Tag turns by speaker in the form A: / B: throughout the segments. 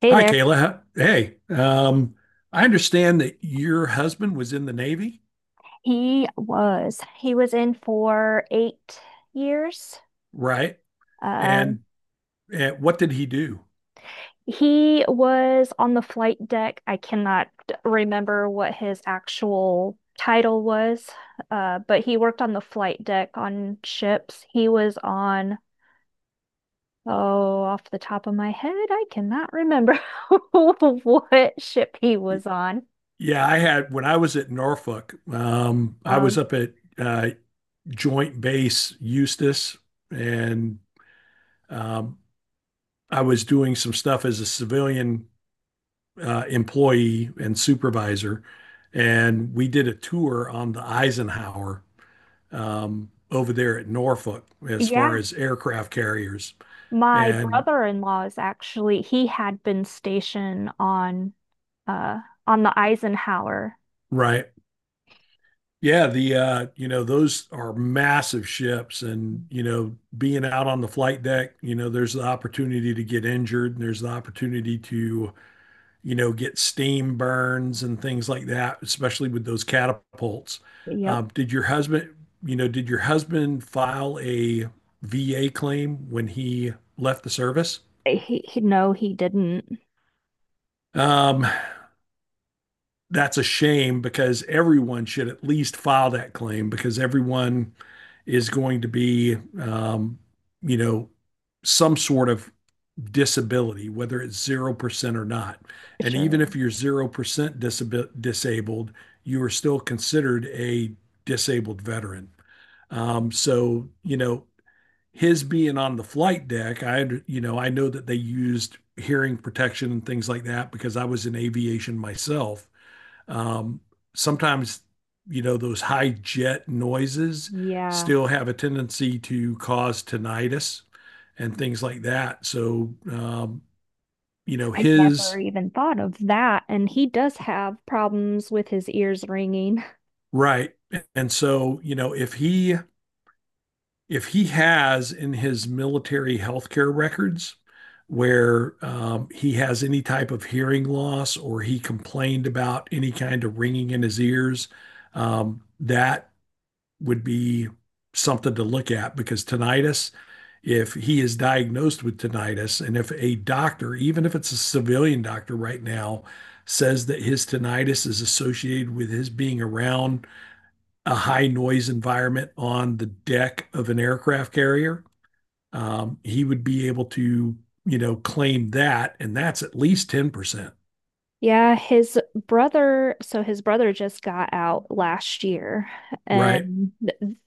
A: Hey
B: Hi,
A: there.
B: Kayla. Hey, I understand that your husband was in the Navy,
A: He was. He was in for 8 years.
B: right?
A: Uh,
B: And, and what did he do?
A: he was on the flight deck. I cannot remember what his actual title was, but he worked on the flight deck on ships. He was on, oh, off the top of my head, I cannot remember what ship he
B: Y-
A: was on.
B: Yeah, I had when I was at Norfolk, I was
A: Um,
B: up at Joint Base Eustis, and um, I was doing some stuff as a civilian employee and supervisor, and we did a tour on the Eisenhower over there at Norfolk as
A: yeah,
B: far as aircraft carriers.
A: my
B: And
A: brother-in-law is actually, he had been stationed on. uh on the Eisenhower.
B: Right. Yeah, the those are massive ships and, being out on the flight deck, there's the opportunity to get injured and there's the opportunity to get steam burns and things like that, especially with those catapults.
A: Yep.
B: Did your husband, did your husband file a VA claim when he left the service?
A: He, no, he didn't.
B: Um, that's a shame because everyone should at least file that claim because everyone is going to be, you know, some sort of disability, whether it's 0% or not. And even
A: Sure.
B: if you're 0% disabled, you are still considered a disabled veteran. So, his being on the flight deck, I know that they used hearing protection and things like that because I was in aviation myself. Um, sometimes, those high jet noises
A: Yeah.
B: still have a tendency to cause tinnitus and things like that. So. You know,
A: I never
B: his
A: even thought of that. And he does have problems with his ears ringing.
B: Right. And so, if he has in his military healthcare records where he has any type of hearing loss or he complained about any kind of ringing in his ears, that would be something to look at because tinnitus, if he is diagnosed with tinnitus, and if a doctor, even if it's a civilian doctor right now, says that his tinnitus is associated with his being around a high noise environment on the deck of an aircraft carrier, he would be able to, claim that. And that's at least 10%.
A: Yeah, so his brother just got out last year,
B: Right.
A: and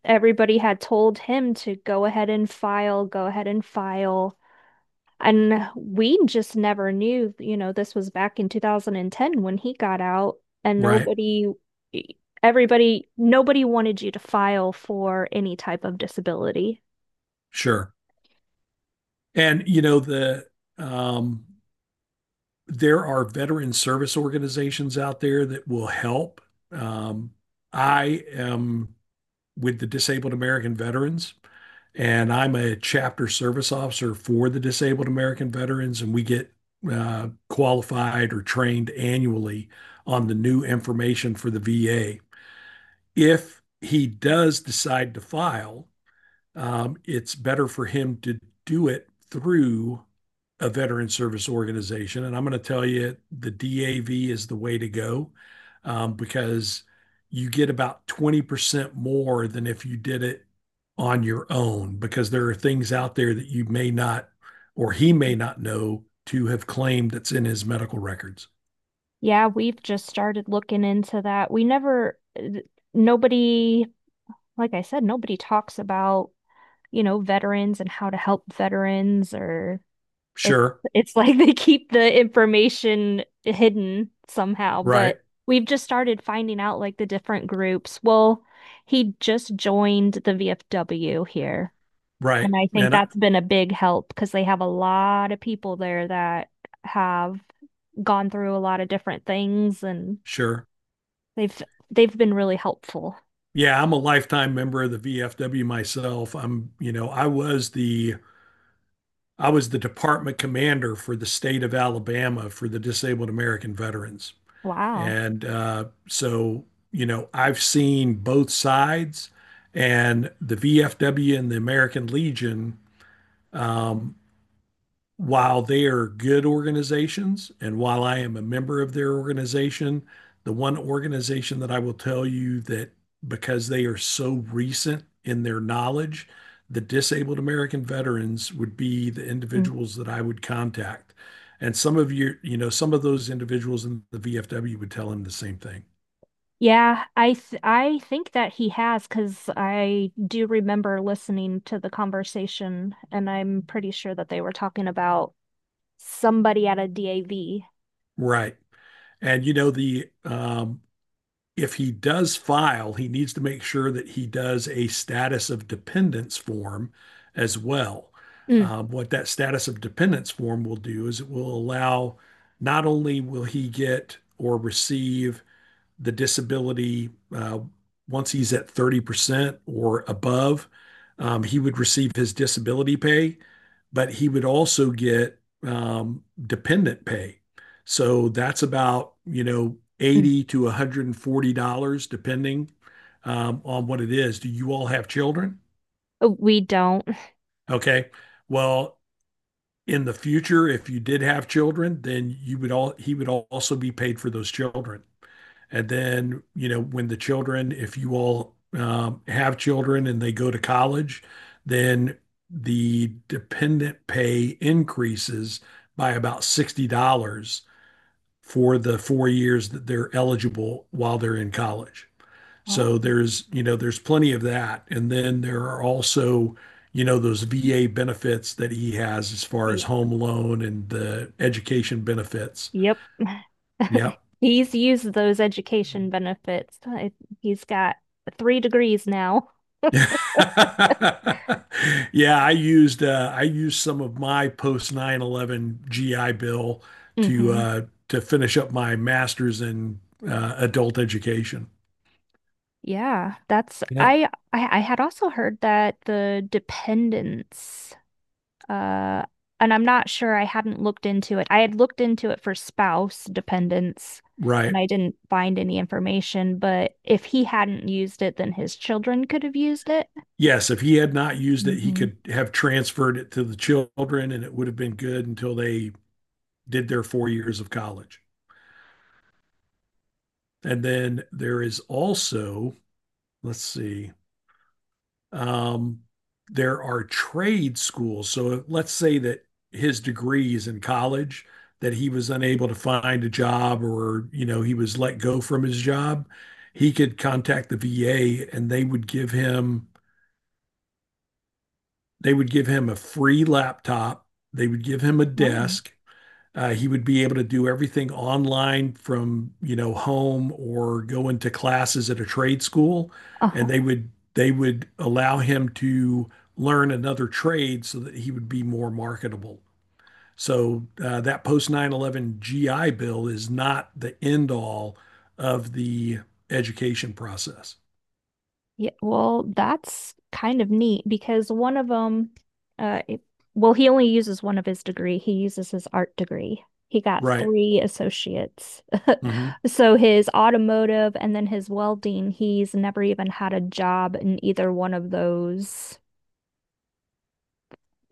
A: everybody had told him to go ahead and file, go ahead and file. And we just never knew, this was back in 2010 when he got out, and
B: Right.
A: e, nobody wanted you to file for any type of disability.
B: Sure. And, um, there are veteran service organizations out there that will help. Um, I am with the Disabled American Veterans, and I'm a chapter service officer for the Disabled American Veterans, and we get qualified or trained annually on the new information for the VA. If he does decide to file, it's better for him to do it through a veteran service organization. And I'm going to tell you the DAV is the way to go because you get about 20% more than if you did it on your own, because there are things out there that you may not or he may not know to have claimed that's in his medical records.
A: Yeah, we've just started looking into that. We never, th- Nobody, like I said, nobody talks about veterans and how to help veterans or. It's
B: Sure.
A: it's like they keep the information hidden somehow, but
B: Right.
A: we've just started finding out like the different groups. Well, he just joined the VFW here,
B: Right.
A: and I think that's been a big help because they have a lot of people there that have gone through a lot of different things and
B: Sure.
A: they've they've been really helpful.
B: Yeah, I'm a lifetime member of the VFW myself. I was the department commander for the state of Alabama for the disabled American veterans.
A: Wow.
B: And so, I've seen both sides and the VFW and the American Legion um, while they are good organizations and while I am a member of their organization, the one organization that I will tell you that because they are so recent in their knowledge, the disabled American veterans would be the individuals that I would contact. And some of you, you know, some of those individuals in the VFW would tell him the same thing.
A: Yeah, I think that he has because I do remember listening to the conversation, and I'm pretty sure that they were talking about somebody at a DAV.
B: Right. And, you know, the if he does file, he needs to make sure that he does a status of dependence form as well.
A: Mm.
B: What that status of dependence form will do is it will allow, not only will he get or receive the disability uh, once he's at 30% or above, he would receive his disability pay, but he would also get dependent pay. So that's about,
A: Mm.
B: 80 to $140, depending on what it is. Do you all have children?
A: Oh, we don't.
B: Okay. Well, in the future, if you did have children, then he would also be paid for those children. And then, when the children, if you all have children and they go to college, then the dependent pay increases by about $60 for the 4 years that they're eligible while they're in college. So
A: Oh,
B: there's plenty of that. And then there are also, those VA benefits that he has as far as
A: yeah.
B: home loan and the education benefits.
A: Yep.
B: Yeah.
A: He's used those education benefits. He's got three degrees now.
B: Yeah, I used some of my post 9/11 GI Bill to
A: Hmm.
B: uh, to finish up my master's in adult education.
A: Yeah, that's
B: Yep,
A: I had also heard that the dependents. Uh, and I'm not sure I hadn't looked into it. I had looked into it for spouse dependents and
B: right.
A: I didn't find any information, but if he hadn't used it, then his children could have used it.
B: Yes, if he had not used it, he
A: Hmm.
B: could have transferred it to the children, and it would have been good until they did their 4 years of college. And then there is also, let's see. Um, there are trade schools. So let's say that his degree is in college, that he was unable to find a job or he was let go from his job, he could contact the VA and they would give him a free laptop, they would give him a desk, he would be able to do everything online from home or go into classes at a trade school, and they
A: Oh.
B: would they would allow him to learn another trade so that he would be more marketable. So that post 9/11 GI Bill is not the end all of the education process,
A: Yeah, well, that's kind of neat because one of them, uh, it, well, he only uses one of his degree. He uses his art degree. He got
B: right?
A: three associates.
B: Hmm.
A: So his automotive and then his welding, he's never even had a job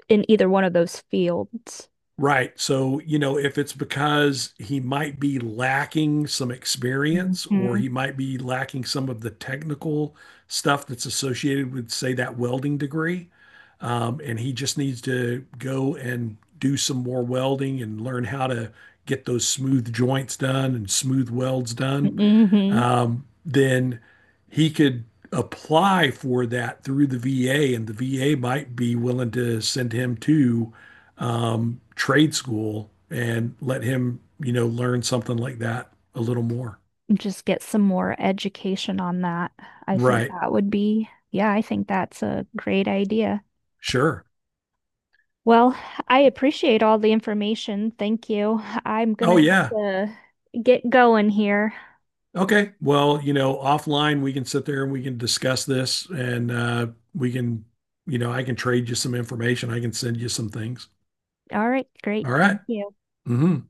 A: in either one of those fields.
B: Right. So, if it's because he might be lacking some experience or
A: Mm-hmm.
B: he might be lacking some of the technical stuff that's associated with, say, that welding degree, and he just needs to go and do some more welding and learn how to get those smooth joints done and smooth welds done,
A: Hmm.
B: then he could apply for that through the VA, and the VA might be willing to send him to trade school and let him, learn something like that a little more.
A: Just get some more education on that. I think
B: Right.
A: that would be, yeah, I think that's a great idea.
B: Sure.
A: Well, I appreciate all the information. Thank you. I'm gonna
B: Oh,
A: have
B: yeah.
A: to get going here.
B: Okay. Well, offline, we can sit there and we can discuss this and we can, you know, I can trade you some information. I can send you some things.
A: All right, great.
B: All
A: Thank
B: right.
A: you.
B: Mm-hmm.